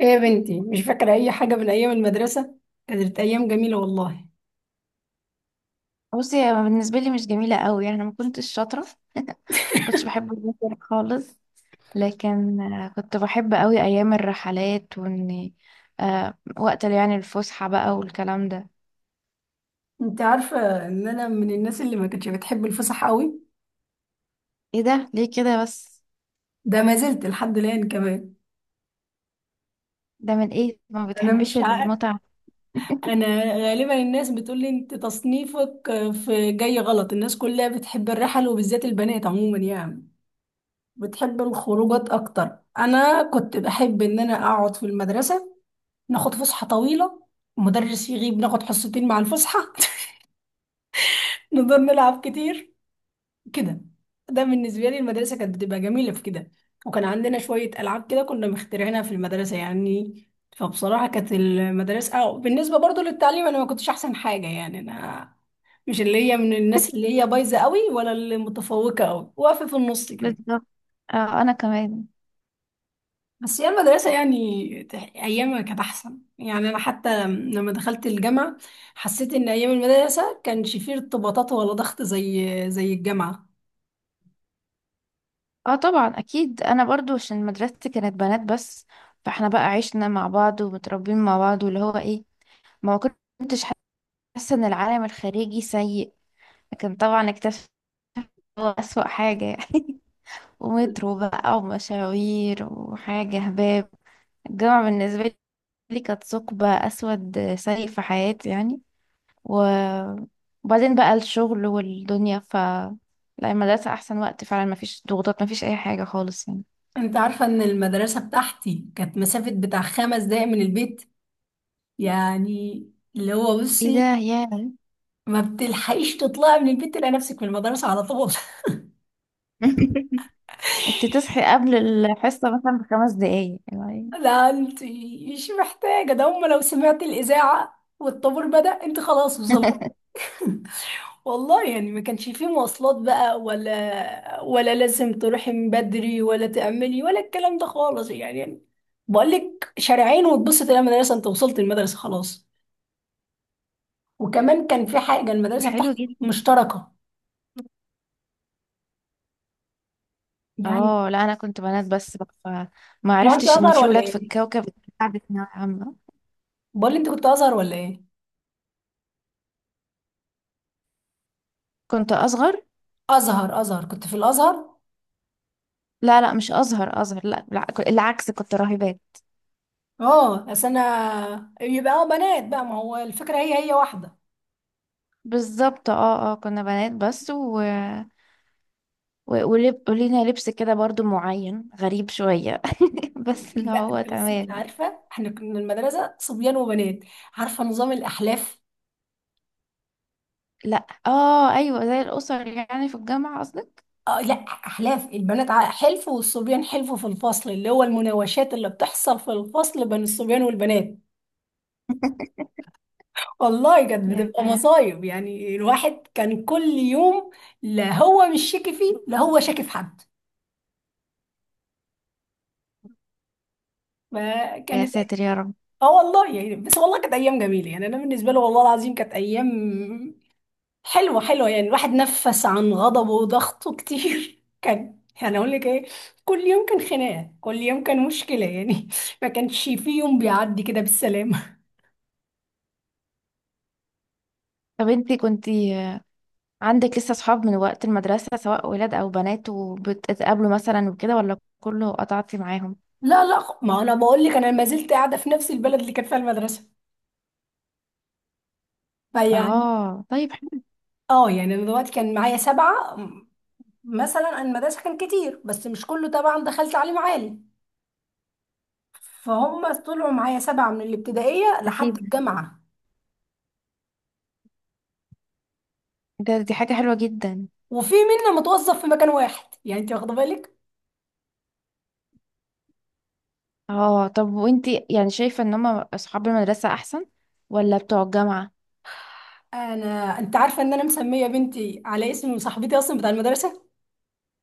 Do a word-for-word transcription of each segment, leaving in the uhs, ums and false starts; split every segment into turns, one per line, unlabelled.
ايه يا بنتي، مش فاكرة أي حاجة من أيام المدرسة. كانت أيام جميلة والله.
بصي، هي بالنسبة لي مش جميلة قوي. يعني أنا ما كنتش شاطرة، كنتش بحب المذاكرة خالص. لكن آه، كنت بحب قوي أيام الرحلات، وإني آه، وقت اللي يعني الفسحة بقى والكلام ده.
أنت عارفة إن أنا من الناس اللي ما كانتش بتحب الفسح قوي.
ايه ده ليه كده بس؟
ده ما زلت لحد الآن كمان.
ده من ايه، ما
أنا
بتحبش
مش عارف.
المتعة؟
أنا، غالبا الناس بتقول لي أنت تصنيفك في جاي غلط. الناس كلها بتحب الرحل وبالذات البنات عموما، يعني بتحب الخروجات أكتر. أنا كنت بحب إن أنا أقعد في المدرسة، ناخد فسحة طويلة، مدرس يغيب ناخد حصتين مع الفسحة. نقدر نلعب كتير كده. ده بالنسبة لي المدرسة كانت بتبقى جميلة في كده. وكان عندنا شوية ألعاب كده كنا مخترعينها في المدرسة يعني. فبصراحة كانت المدرسة أو بالنسبة برضو للتعليم، أنا ما كنتش أحسن حاجة يعني. أنا مش اللي هي من الناس اللي هي بايظة قوي ولا اللي متفوقة قوي، واقفة في النص كده.
بالظبط. آه، أنا كمان.
بس هي المدرسة يعني تح- أيامها كانت أحسن، يعني أنا حتى لما دخلت الجامعة حسيت إن أيام المدرسة كانش فيه ارتباطات ولا ضغط زي زي الجامعة.
اه، طبعا أكيد. أنا برضو عشان مدرستي كانت بنات بس، فاحنا بقى عشنا مع بعض ومتربيين مع بعض واللي هو ايه، ما كنتش حاسة إن العالم الخارجي سيء. لكن طبعا اكتشفت أسوأ حاجة يعني. ومترو بقى ومشاوير وحاجة هباب. الجامعة بالنسبة لي كانت ثقب أسود سيء في حياتي يعني. و- وبعدين بقى الشغل والدنيا، ف لا، المدرسة أحسن وقت فعلا. مفيش ضغوطات، مفيش أي حاجة خالص يعني.
انت عارفة ان المدرسة بتاعتي كانت مسافة بتاع خمس دقايق من البيت، يعني اللي هو
ايه ده
بصي،
يا؟
ما بتلحقيش تطلعي من البيت، تلاقي نفسك في المدرسة على طول.
انت تصحي قبل الحصة مثلا بخمس دقايق يعني؟
لا انت مش محتاجة ده، هم لو سمعت الإذاعة والطابور بدأ انت خلاص وصلت. والله يعني ما كانش فيه مواصلات بقى، ولا ولا لازم تروحي من بدري ولا تأملي ولا الكلام ده خالص يعني يعني بقول لك شارعين وتبص تلاقي المدرسة، انت وصلت المدرسة خلاص. وكمان كان في حاجه، المدرسه
حلو
بتاعتي
جدا.
مشتركه يعني.
اه لا، انا كنت بنات بس بقى، فما
هو انت
عرفتش ان
ازهر
في
ولا
ولاد في
ايه؟
الكوكب. بتاع ثانوية عامة.
بقول لي انت كنت ازهر ولا ايه؟
كنت اصغر.
ازهر ازهر، كنت في الازهر؟
لا لا، مش اصغر اصغر، لا لا، ك- العكس، كنت راهبات.
اه، بس انا يبقى اه بنات بقى، ما هو الفكره هي هي واحده.
بالظبط، اه اه، كنا بنات بس. و... و... ولب... ولينا لبس كده برضو معين غريب شوية. بس اللي
لا
هو
انت، بس انت
تمام.
عارفه احنا كنا المدرسه صبيان وبنات، عارفه نظام الاحلاف؟
لا، اه ايوه، زي الاسر يعني، في الجامعة قصدك؟
اه لا، احلاف البنات ع- حلف والصبيان حلف في الفصل، اللي هو المناوشات اللي بتحصل في الفصل بين الصبيان والبنات. والله كانت
يا
بتبقى مصايب يعني، الواحد كان كل يوم. لا هو مش شاكي فيه، لا هو شاكي في حد،
يا
فكانت.
ساتر يا رب.
اه والله يعني، بس والله كانت ايام جميله، يعني انا بالنسبه له والله العظيم كانت ايام حلوه حلوه يعني. الواحد نفس عن غضبه وضغطه كتير. كان يعني اقول لك ايه، كل يوم كان خناقه، كل يوم كان مشكله يعني. ما كانش في يوم بيعدي كده بالسلامه.
طب انتي كنتي عندك لسه صحاب من وقت المدرسة، سواء ولاد او بنات، وبتتقابلوا مثلا وكده، ولا كله قطعتي معاهم؟
لا لا، ما انا بقول لك انا ما زلت قاعده في نفس البلد اللي كانت فيها المدرسه، فيعني.
اه طيب حلو.
اه يعني انا دلوقتي كان معايا سبعة م- مثلا انا المدرسة كان كتير، بس مش كله طبعا دخل تعليم عالي. فهم طلعوا معايا سبعة من الابتدائية لحد
اكيد،
الجامعة.
ده دي حاجة حلوة جدا.
وفي منا متوظف في مكان واحد، يعني انت واخدة بالك.
اه، طب وانتي يعني شايفة ان هما اصحاب المدرسة احسن ولا بتوع الجامعة؟
انا، انت عارفة ان انا مسمية بنتي على اسم صاحبتي اصلا بتاع المدرسة.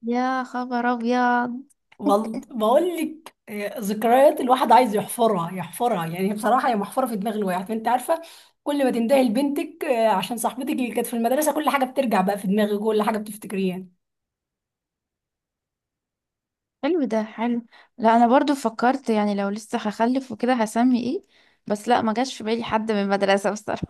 يا خبر ابيض.
وال- بقول لك، آه، ذكريات الواحد عايز يحفرها يحفرها يعني، بصراحة هي محفورة في دماغ الواحد، انت عارفة. كل ما تندهي لبنتك آه، عشان صاحبتك اللي كانت في المدرسة كل حاجة بترجع بقى في دماغك، كل حاجة بتفتكريها.
حلو، ده حلو. لا، انا برضو فكرت يعني لو لسه هخلف وكده هسمي ايه، بس لا، ما جاش في بالي حد من المدرسة بصراحة.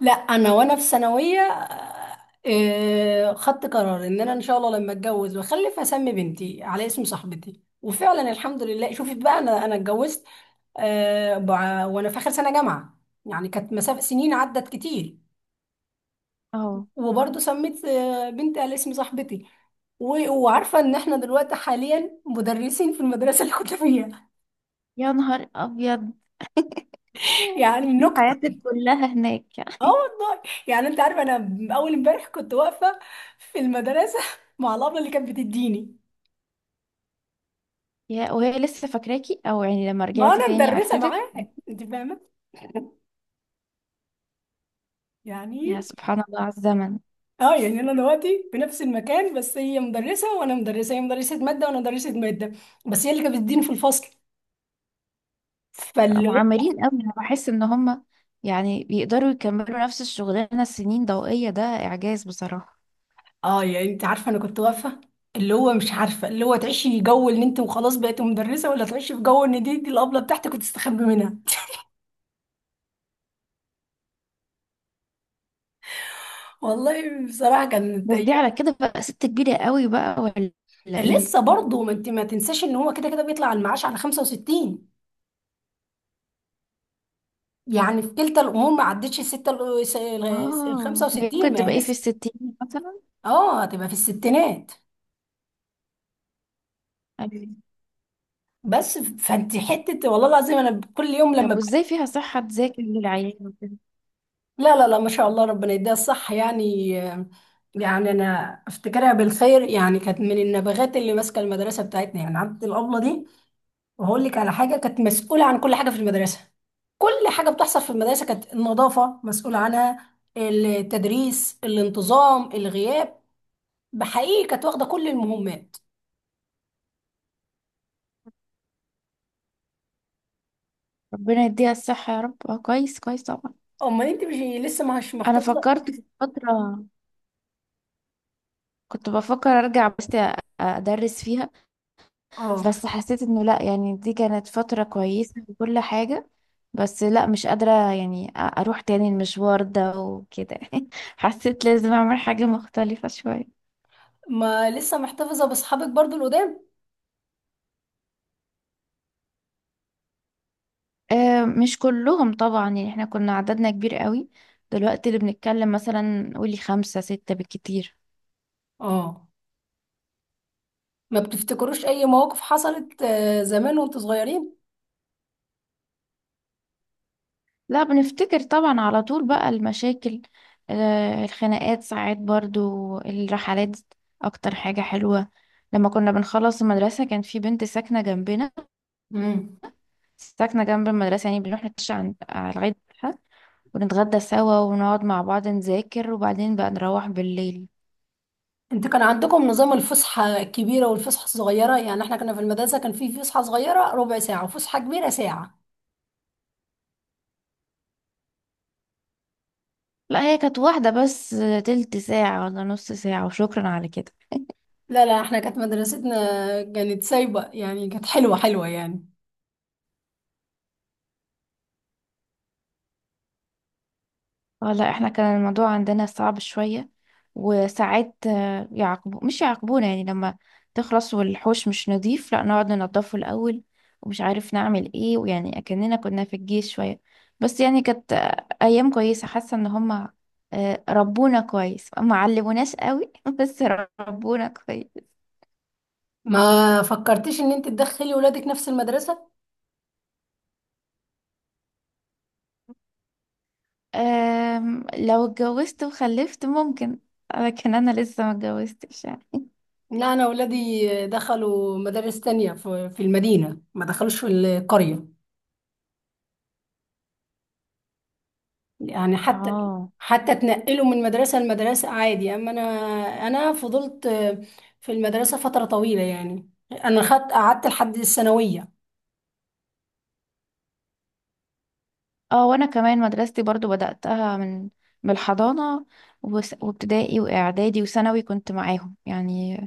لا انا وانا في ثانويه آه، آه، خدت قرار ان انا ان شاء الله لما اتجوز واخلف هسمي بنتي على اسم صاحبتي، وفعلا الحمد لله. شوفي بقى انا انا اتجوزت آه، بع- وانا في اخر سنه جامعه، يعني كانت مسافه سنين عدت كتير.
اه.
وبرضه سميت آه، بنتي على اسم صاحبتي. و- وعارفه ان احنا دلوقتي حاليا مدرسين في المدرسه اللي كنت فيها.
يا نهار ابيض.
يعني
إنتي
نكته.
حياتك كلها هناك.
اه والله، يعني انت عارفه انا اول امبارح كنت واقفه في المدرسه مع الابله اللي كانت بتديني.
يا، وهي لسه فاكراكي، او يعني لما
ما
رجعتي
انا
تاني
مدرسه
عرفتك؟
معاها، انت فاهمه يعني.
يا سبحان الله على الزمن.
اه يعني انا دلوقتي في نفس المكان، بس هي مدرسه وانا مدرسه، هي مدرسه ماده وانا مدرسه ماده. بس هي اللي كانت بتديني في الفصل، فاللي هو.
معمرين قوي، انا بحس ان هم يعني بيقدروا يكملوا نفس الشغلانه سنين ضوئيه، ده اعجاز بصراحه.
اه يعني انت عارفه انا كنت واقفه، اللي هو مش عارفه، اللي هو تعيشي جو ان انت وخلاص بقيت مدرسه ولا تعيشي في جو ان دي دي الابله بتاعتك وتستخبي منها. والله بصراحه كانت
بس دي على
ايام.
كده بقى ست كبيره قوي بقى، ولا ولا ايه؟
لسه برضه، ما انت ما تنساش ان هو كده كده بيطلع المعاش على خمسة وستين، يعني في كلتا الامور ما عدتش الستة. ال
اه، هي
خمسة وستين،
ممكن
ما هي
تبقى ايه، في
لسه،
الستين مثلا.
اه هتبقى في الستينات.
أيوة.
بس فانت حته، والله العظيم انا كل يوم لما
طب
ب...
وازاي فيها صحه تذاكر للعيال وكده؟
لا لا لا، ما شاء الله ربنا يديها الصح يعني. يعني انا افتكرها بالخير، يعني كانت من النبغات اللي ماسكه المدرسه بتاعتنا يعني، عبد الابله دي. وهقول لك على حاجه، كانت مسؤوله عن كل حاجه في المدرسه. كل حاجه بتحصل في المدرسه كانت النظافه مسؤوله عنها، التدريس، الانتظام، الغياب. بحقيقه كانت واخده كل المهمات.
ربنا يديها الصحه يا رب. اه كويس، كويس طبعا.
امال انت مش لسه مش
انا
محتفظه؟
فكرت في فتره، كنت بفكر ارجع بس أ- ادرس فيها،
اه،
بس حسيت انه لا، يعني دي كانت فترة كويسة وكل حاجة، بس لا مش قادرة يعني أ- اروح تاني المشوار ده وكده. حسيت لازم اعمل حاجة مختلفة شوية.
ما لسه محتفظة بأصحابك برضو القدام؟
آه، مش كلهم طبعا، يعني احنا كنا عددنا كبير قوي، دلوقتي اللي بنتكلم مثلا قولي خمسة ستة بالكتير.
اه، ما بتفتكروش أي مواقف حصلت آه، زمان وانتوا صغيرين؟
لا، بنفتكر طبعا على طول بقى المشاكل، آه، الخناقات ساعات، برضو الرحلات اكتر حاجة حلوة. لما كنا بنخلص المدرسة كان في بنت ساكنة جنبنا،
امم
ساكنة جنب المدرسة، يعني بنروح نتمشى عن- على لغاية بيتها، ونتغدى سوا، ونقعد مع بعض نذاكر، وبعدين بقى نروح بالليل.
انت كان عندكم نظام الفسحة الكبيرة والفسحة الصغيرة؟ يعني احنا كنا في المدرسة كان في فسحة صغيرة ربع ساعة وفسحة كبيرة ساعة.
لا هي كانت واحدة بس، تلت ساعة ولا نص ساعة وشكرا على كده.
لا لا، احنا كانت مدرستنا كانت سايبة يعني، كانت حلوة حلوة يعني.
اه لا، احنا كان الموضوع عندنا صعب شوية، وساعات آه، يعاقبو مش يعاقبونا يعني، لما تخلص والحوش مش نظيف، لا نقعد ننضفه الأول ومش عارف نعمل ايه، ويعني أكننا كنا في الجيش شوية. بس يعني كانت آه، أيام كويسة، حاسة ان هما آه، ربونا كويس، ما علموناش قوي. بس ربونا كويس.
ما فكرتيش ان انت تدخلي ولادك نفس المدرسة؟
آم، لو اتجوزت وخلفت ممكن، لكن انا لسه ما اتجوزتش يعني.
لا انا ولادي دخلوا مدارس تانية في في المدينة، ما دخلوش في القرية يعني. حتى
اه
حتى تنقله من مدرسة لمدرسة عادي، أما أنا أنا فضلت في المدرسة فترة طويلة يعني. أنا خدت قعدت لحد الثانوية.
اه وانا كمان مدرستي برضو بدأتها من من الحضانة وس- وابتدائي واعدادي وثانوي كنت معاهم يعني.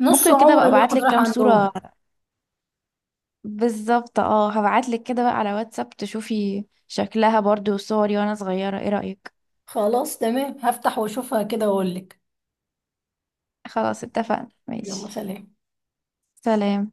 نص
ممكن كده بقى
عمر
ابعت
الواحد
لك
راح
كام
عندهم.
صورة؟ بالظبط، اه، هبعت لك كده بقى على واتساب تشوفي شكلها برضو وصوري وانا صغيرة، ايه رأيك؟
خلاص تمام، هفتح وأشوفها كده وأقول لك.
خلاص اتفقنا، ماشي.
يلا سلام.
سلام.